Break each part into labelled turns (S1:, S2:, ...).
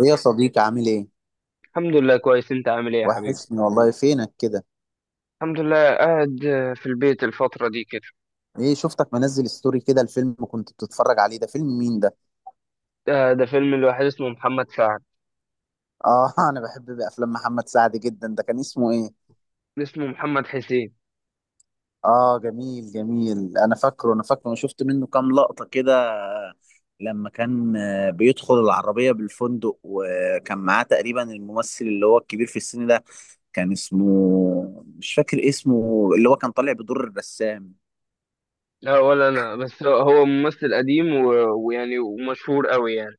S1: ايه يا صديقي، عامل ايه؟
S2: الحمد لله كويس، انت عامل ايه يا حبيبي؟
S1: وحشني والله، فينك كده؟
S2: الحمد لله قاعد في البيت الفترة دي كده.
S1: ايه، شفتك منزل ستوري كده. الفيلم كنت بتتفرج عليه ده، فيلم مين ده؟
S2: ده فيلم الواحد اسمه محمد سعد.
S1: اه انا بحب افلام محمد سعد جدا. ده كان اسمه ايه؟
S2: اسمه محمد حسين.
S1: اه، جميل جميل. انا فاكره انا شفت منه كام لقطة كده. لما كان بيدخل العربية بالفندق، وكان معاه تقريبا الممثل اللي هو الكبير في السن ده. كان اسمه، مش فاكر اسمه، اللي هو كان طالع بدور الرسام.
S2: لا ولا انا، بس هو ممثل قديم و- ويعني ومشهور قوي يعني.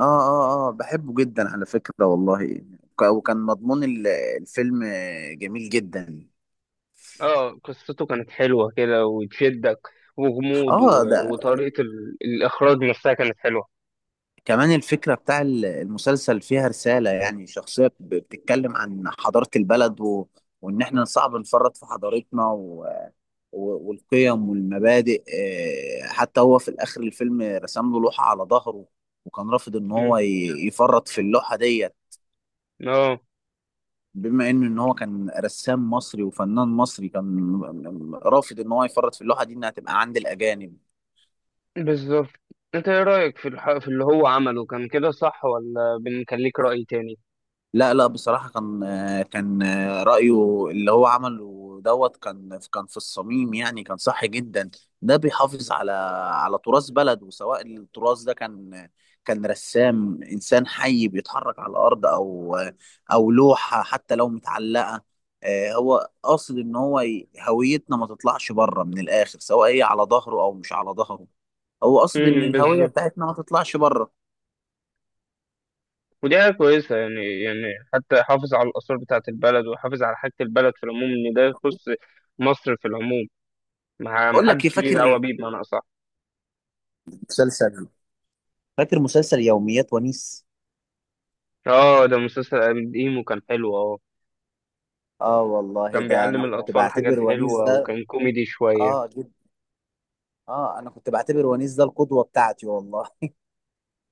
S1: اه اه اه، بحبه جدا على فكرة والله. وكان مضمون الفيلم جميل جدا.
S2: اه قصته كانت حلوة كده وتشدك، وغموض
S1: اه، ده
S2: و- وطريقة الاخراج نفسها كانت حلوة.
S1: كمان الفكرة بتاع المسلسل فيها رسالة، يعني شخصية بتتكلم عن حضارة البلد، وان احنا صعب نفرط في حضارتنا، والقيم والمبادئ. حتى هو في الاخر الفيلم رسم له لوحة على ظهره، وكان رافض ان هو
S2: مم.
S1: يفرط في اللوحة ديت.
S2: اه،
S1: بما ان هو كان رسام مصري وفنان مصري، كان رافض ان هو يفرط في اللوحه دي، انها تبقى عند الاجانب.
S2: بالظبط. انت ايه رأيك في في اللي هو عمله؟ كان كده صح ولا بنخليك رأي تاني؟
S1: لا لا، بصراحة كان كان رأيه اللي هو عمله دوت كان، كان في الصميم، يعني كان صح جدا. ده بيحافظ على، على تراث بلده. سواء التراث ده كان، كان رسام إنسان حي بيتحرك على الأرض، أو أو لوحة. حتى لو متعلقة، هو قاصد إن هو هويتنا ما تطلعش بره من الآخر، سواء هي على ظهره أو مش على ظهره. هو قاصد إن الهوية
S2: بالظبط.
S1: بتاعتنا ما تطلعش بره.
S2: ودي حاجة كويسة يعني، يعني حتى حافظ على الآثار بتاعة البلد، وحافظ على حاجة البلد في العموم، إن ده يخص مصر في العموم. ما
S1: أقول لك إيه،
S2: حدش ليه دعوة
S1: فاكر
S2: بيه بمعنى أصح.
S1: مسلسل، فاكر مسلسل يوميات ونيس؟
S2: آه، ده مسلسل قديم وكان حلو. آه،
S1: اه والله،
S2: كان
S1: ده انا
S2: بيعلم
S1: كنت
S2: الأطفال حاجات
S1: بعتبر ونيس
S2: حلوة
S1: ده.
S2: وكان كوميدي شوية.
S1: اه، جد. اه، انا كنت بعتبر ونيس ده القدوة بتاعتي والله.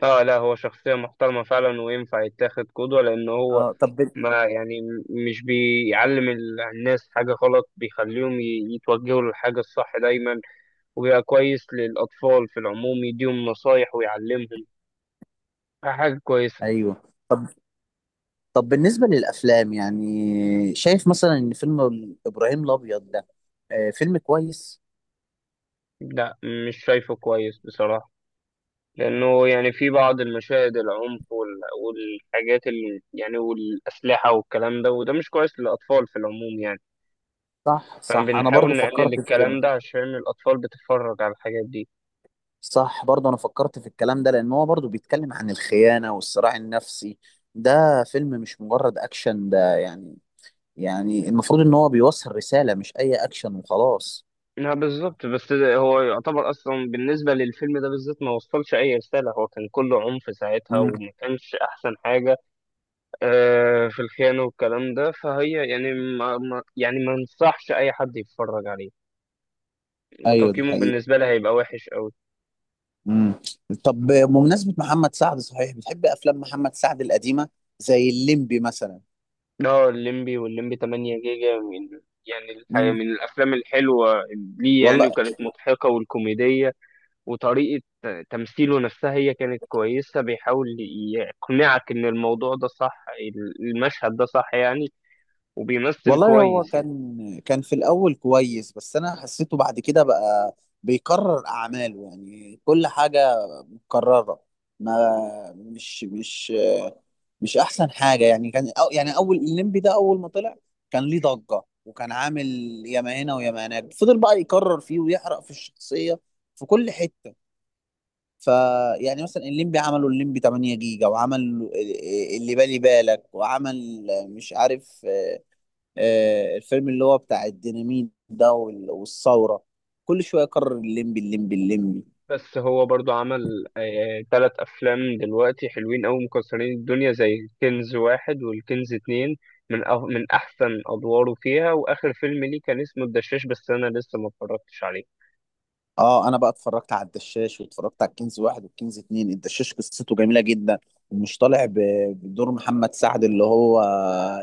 S2: آه لا، هو شخصية محترمة فعلا وينفع يتاخد قدوة، لأن هو
S1: اه طب
S2: ما يعني مش بيعلم الناس حاجة غلط، بيخليهم يتوجهوا للحاجة الصح دايما، وبيبقى كويس للأطفال في العموم، يديهم نصايح ويعلمهم حاجة كويسة.
S1: ايوه، طب، طب بالنسبة للافلام يعني، شايف مثلا ان فيلم ابراهيم الابيض ده، آه فيلم كويس؟
S2: لا، مش شايفه كويس بصراحة، لأنه يعني في بعض المشاهد العنف والحاجات اللي يعني والأسلحة والكلام ده، وده مش كويس للأطفال في العموم يعني.
S1: صح صح، انا برضو
S2: فبنحاول نقلل
S1: فكرت في
S2: الكلام
S1: كده.
S2: ده عشان الأطفال بتتفرج على الحاجات دي.
S1: صح، برضو انا فكرت في الكلام ده، لان هو برضو بيتكلم عن الخيانة والصراع النفسي. ده فيلم مش مجرد اكشن ده يعني. يعني المفروض ان هو بيوصل رسالة، مش اي اكشن وخلاص.
S2: لا بالظبط، بس هو يعتبر أصلا بالنسبة للفيلم ده بالذات ما وصلش أي رسالة، هو كان كله عنف ساعتها
S1: مم.
S2: وما كانش أحسن حاجة. في الخيانة والكلام ده، فهي يعني يعني ما انصحش أي حد يتفرج عليه.
S1: ايوه ده
S2: وتقييمه
S1: حقيقي.
S2: بالنسبة لي هيبقى وحش أوي.
S1: امم طب بمناسبة محمد سعد، صحيح بتحب افلام محمد سعد القديمة زي الليمبي مثلا؟
S2: اه، الليمبي والليمبي 8 جيجا، من يعني الحقيقة
S1: مم.
S2: من الأفلام الحلوة ليه يعني،
S1: والله،
S2: وكانت مضحكة والكوميدية، وطريقة تمثيله نفسها هي كانت كويسة، بيحاول يقنعك إن الموضوع ده صح، المشهد ده صح يعني، وبيمثل
S1: والله هو
S2: كويس يعني.
S1: كان، كان في الاول كويس، بس انا حسيته بعد كده بقى بيكرر اعماله. يعني كل حاجة مكررة. ما، مش مش احسن حاجه يعني. كان، أو يعني اول الليمبي ده اول ما طلع، كان ليه ضجه وكان عامل ياما هنا وياما هناك. فضل بقى يكرر فيه ويحرق في الشخصيه في كل حته. فيعني مثلا الليمبي عملوا الليمبي 8 جيجا، وعمل اللي بالي بالك، وعمل مش عارف، الفيلم اللي هو بتاع الديناميت ده والثوره. كل شويه يكرر الليمبي، الليمبي، الليمبي.
S2: بس هو برضو عمل تلات أفلام دلوقتي حلوين أوي مكسرين الدنيا، زي كنز واحد والكنز اتنين، من أه من أحسن أدواره فيها. وآخر فيلم ليه كان اسمه الدشاش، بس أنا لسه ما اتفرجتش عليه.
S1: اه انا بقى اتفرجت على الدشاش، واتفرجت على الكنز واحد والكنز اتنين. الدشاش قصته جميله جدا، ومش طالع بدور محمد سعد، اللي هو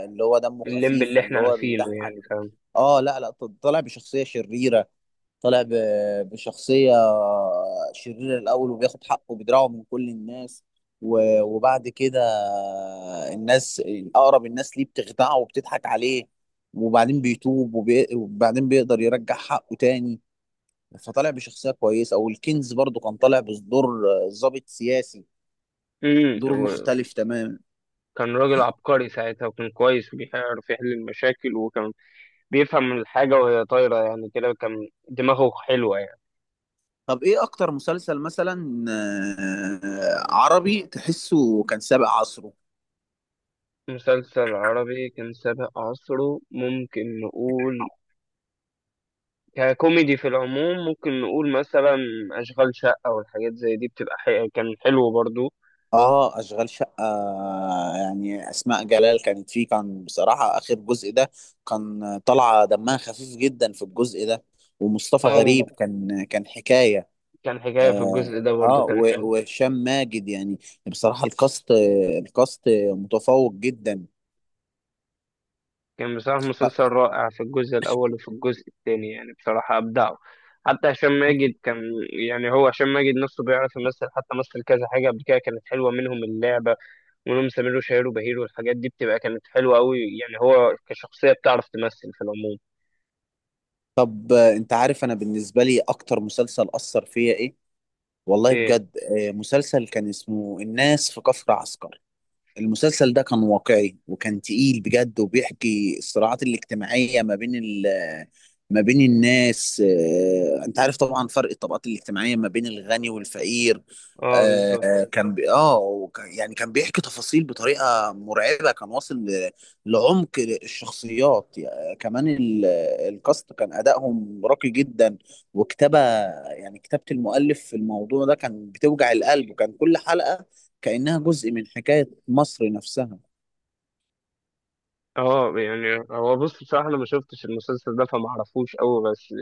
S1: اللي هو دمه
S2: الليمب اللي
S1: خفيف واللي
S2: إحنا
S1: هو
S2: عارفينه
S1: بيضحك.
S2: يعني، فاهم؟
S1: اه لا لا، طالع بشخصيه شريره. طالع بشخصيه شريره الاول، وبياخد حقه وبيدرعه من كل الناس، و وبعد كده الناس، اقرب الناس ليه بتخدعه وبتضحك عليه. وبعدين بيتوب وبعدين بيقدر يرجع حقه تاني. فطالع بشخصية كويسة. والكنز برضو كان طالع بدور ضابط سياسي، دور
S2: وكان
S1: مختلف تماما.
S2: راجل عبقري ساعتها، وكان كويس وبيعرف يحل المشاكل، وكان بيفهم الحاجة وهي طايرة يعني، كده كان دماغه حلوة يعني.
S1: طب ايه اكتر مسلسل مثلا عربي تحسه كان سابق عصره؟
S2: مسلسل عربي كان سابق عصره، ممكن نقول ككوميدي في العموم، ممكن نقول مثلا أشغال شقة والحاجات زي دي بتبقى كان حلو برضو.
S1: اه، اشغال شقة. يعني اسماء جلال كانت فيه، كان بصراحة اخر جزء ده كان طالعة دمها خفيف جدا في الجزء ده. ومصطفى
S2: أو
S1: غريب كان، كان حكاية.
S2: كان حكاية في
S1: اه،
S2: الجزء ده، برضو كان حلو.
S1: وهشام ماجد يعني، بصراحة الكاست، الكاست متفوق جدا.
S2: كان بصراحة مسلسل رائع في الجزء الأول، وفي الجزء التاني يعني بصراحة أبدعوا. حتى هشام ماجد كان، يعني هو هشام ماجد نفسه بيعرف يمثل، حتى مثل كذا حاجة قبل كده كانت حلوة، منهم اللعبة ومنهم سمير وشهير وبهير، والحاجات دي بتبقى كانت حلوة أوي يعني، هو كشخصية بتعرف تمثل في العموم.
S1: طب انت عارف انا بالنسبه لي اكتر مسلسل اثر فيا ايه؟ والله
S2: إيه؟
S1: بجد، مسلسل كان اسمه الناس في كفر عسكر. المسلسل ده كان واقعي، وكان تقيل بجد، وبيحكي الصراعات الاجتماعية ما بين ال، ما بين الناس. انت عارف طبعا فرق الطبقات الاجتماعية ما بين الغني والفقير.
S2: أه، بالظبط.
S1: آه، كان بي... اه وك- يعني كان بيحكي تفاصيل بطريقة مرعبة. كان واصل لعمق الشخصيات. يعني كمان الكاست كان أدائهم راقي جدا، وكتابة، يعني كتابة المؤلف في الموضوع ده كان بتوجع القلب. وكان كل حلقة كأنها جزء من حكاية مصر نفسها.
S2: اه، يعني هو بص، بصراحة أنا ما شفتش المسلسل ده فما أعرفوش أوي، بس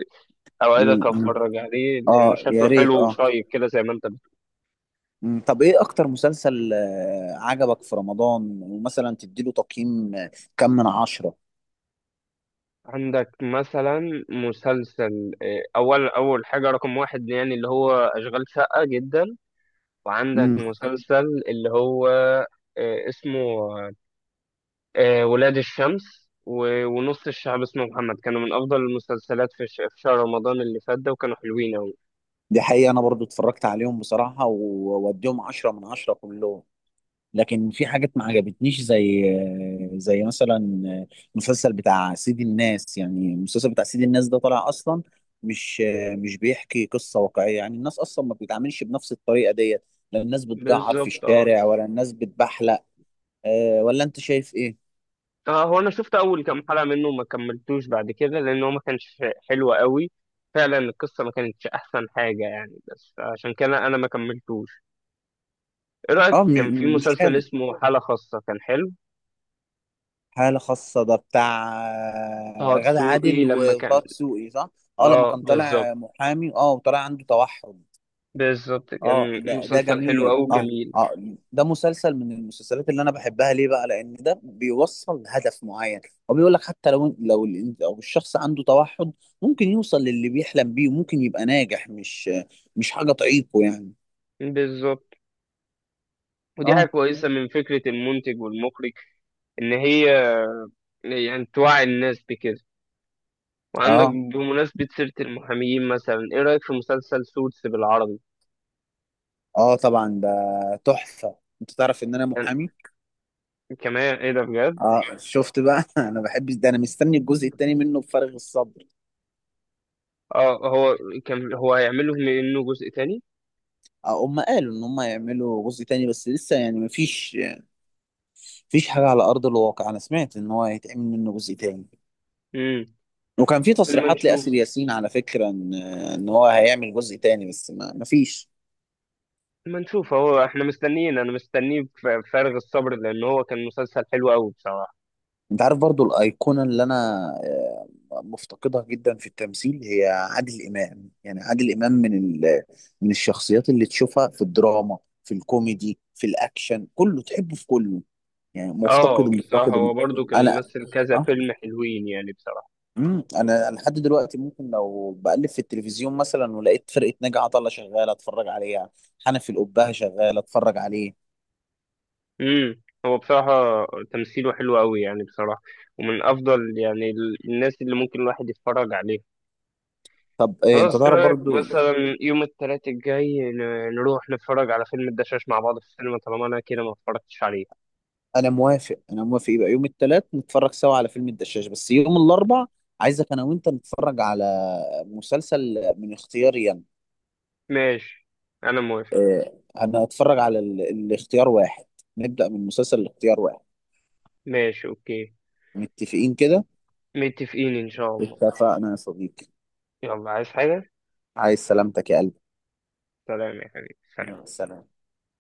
S1: م-
S2: أوعدك
S1: م.
S2: أتفرج عليه لأنه
S1: اه يا
S2: شكله
S1: ريت
S2: حلو
S1: اه.
S2: وشايب كده زي ما أنت بتقول.
S1: طب ايه اكتر مسلسل عجبك في رمضان، ومثلا تديله تقييم كم من 10؟
S2: عندك مثلا مسلسل أول حاجة رقم واحد يعني، اللي هو أشغال شقة جدا. وعندك
S1: م.
S2: مسلسل اللي هو اسمه ولاد الشمس و- ونص الشعب اسمه محمد، كانوا من أفضل المسلسلات في في شهر رمضان اللي فات ده، وكانوا حلوين أوي.
S1: دي حقيقة، انا برضو اتفرجت عليهم بصراحة، ووديهم 10 من 10 كلهم. لكن في حاجات ما عجبتنيش، زي زي مثلا المسلسل بتاع سيد الناس. يعني المسلسل بتاع سيد الناس ده طالع اصلا مش، مش بيحكي قصه واقعيه. يعني الناس اصلا ما بتتعاملش بنفس الطريقه ديت. لا الناس بتجعر في
S2: بالظبط، اه.
S1: الشارع، ولا الناس بتبحلق. ولا انت شايف ايه؟
S2: اه، هو انا شفت اول كام حلقه منه وما كملتوش بعد كده، لان هو ما كانش حلو قوي فعلا، القصه ما كانتش احسن حاجه يعني، بس عشان كده انا ما كملتوش. ايه رايك
S1: اه
S2: كان في
S1: مش
S2: مسلسل
S1: حلو.
S2: اسمه حاله خاصه؟ كان حلو.
S1: حالة خاصة ده بتاع
S2: طه
S1: غادة
S2: دسوقي
S1: عادل
S2: لما
S1: وطه
S2: كان.
S1: دسوقي، صح؟ اه لما
S2: اه
S1: كان
S2: بالظبط،
S1: طالع محامي، اه، وطالع عنده توحد.
S2: بالظبط،
S1: اه،
S2: كان
S1: ده ده
S2: مسلسل حلو
S1: جميل،
S2: قوي،
S1: اه
S2: جميل.
S1: اه. ده مسلسل من المسلسلات اللي انا بحبها، ليه بقى؟ لان ده بيوصل لهدف معين. هو بيقول لك حتى لو، لو ال، لو الشخص عنده توحد، ممكن يوصل للي بيحلم بيه، وممكن يبقى ناجح. مش حاجة تعيقه يعني.
S2: بالظبط، ودي حاجه
S1: اه
S2: كويسه من فكره المنتج والمخرج، ان هي يعني توعي الناس بكده. وعندك
S1: اه،
S2: بمناسبه سيره المحامين مثلا، ايه رايك في مسلسل سوتس بالعربي؟
S1: اه طبعا ده تحفة. انت تعرف ان انا محامي.
S2: كمان ايه ده بجد!
S1: اه شفت بقى انا بحب ده، انا مستني الجزء التاني منه بفارغ الصبر.
S2: اه، هو كان هو هيعمل لهم انه جزء تاني.
S1: اه، هم قالوا ان هم يعملوا جزء تاني، بس لسه يعني مفيش حاجة على أرض الواقع. أنا سمعت إن هو هيتعمل منه جزء تاني.
S2: امم
S1: وكان في
S2: لما
S1: تصريحات
S2: نشوف.
S1: لآسر ياسين على فكرة، إن إن هو هيعمل جزء تاني، بس ما مفيش.
S2: لما نشوف، هو احنا مستنيين، انا مستنيه بفارغ الصبر، لان هو كان مسلسل حلو قوي بصراحه.
S1: أنت عارف برضو الأيقونة اللي أنا آه، مفتقدها جدا في التمثيل، هي عادل إمام. يعني عادل إمام من ال، من الشخصيات اللي تشوفها في الدراما، في الكوميدي، في الأكشن، كله تحبه في كله. يعني
S2: اه
S1: مفتقده،
S2: بصراحه،
S1: مفتقده م-
S2: هو برضو كان
S1: أنا
S2: ممثل كذا
S1: أه
S2: فيلم حلوين يعني بصراحه.
S1: انا أنا لحد دلوقتي ممكن لو بقلب في التلفزيون مثلا ولقيت فرقه ناجي عطا الله شغاله، اتفرج عليها. حنفي القبهه شغاله، اتفرج عليه.
S2: امم هو بصراحه تمثيله حلو قوي يعني بصراحه، ومن افضل يعني الناس اللي ممكن الواحد يتفرج عليها.
S1: طب إيه،
S2: خلاص،
S1: انت
S2: ايه
S1: تعرف
S2: رايك
S1: برضو،
S2: مثلا يوم الثلاث الجاي نروح نتفرج على فيلم الدشاش مع بعض في السينما، طالما انا كده ما اتفرجتش عليه؟
S1: انا موافق، انا موافق. يبقى يوم الثلاث نتفرج سوا على فيلم الدشاش، بس يوم الاربع عايزك انا وانت نتفرج على مسلسل من اختياري انا.
S2: ماشي، انا موافق.
S1: انا هتفرج على ال، الاختيار واحد. نبدا من مسلسل الاختيار واحد.
S2: ماشي اوكي،
S1: متفقين كده.
S2: متفقين ان شاء الله.
S1: اتفقنا يا صديقي.
S2: يلا، عايز حاجة؟
S1: عايز سلامتك يا قلبي.
S2: سلام يا حبيبي،
S1: يلا
S2: سلام.
S1: سلام.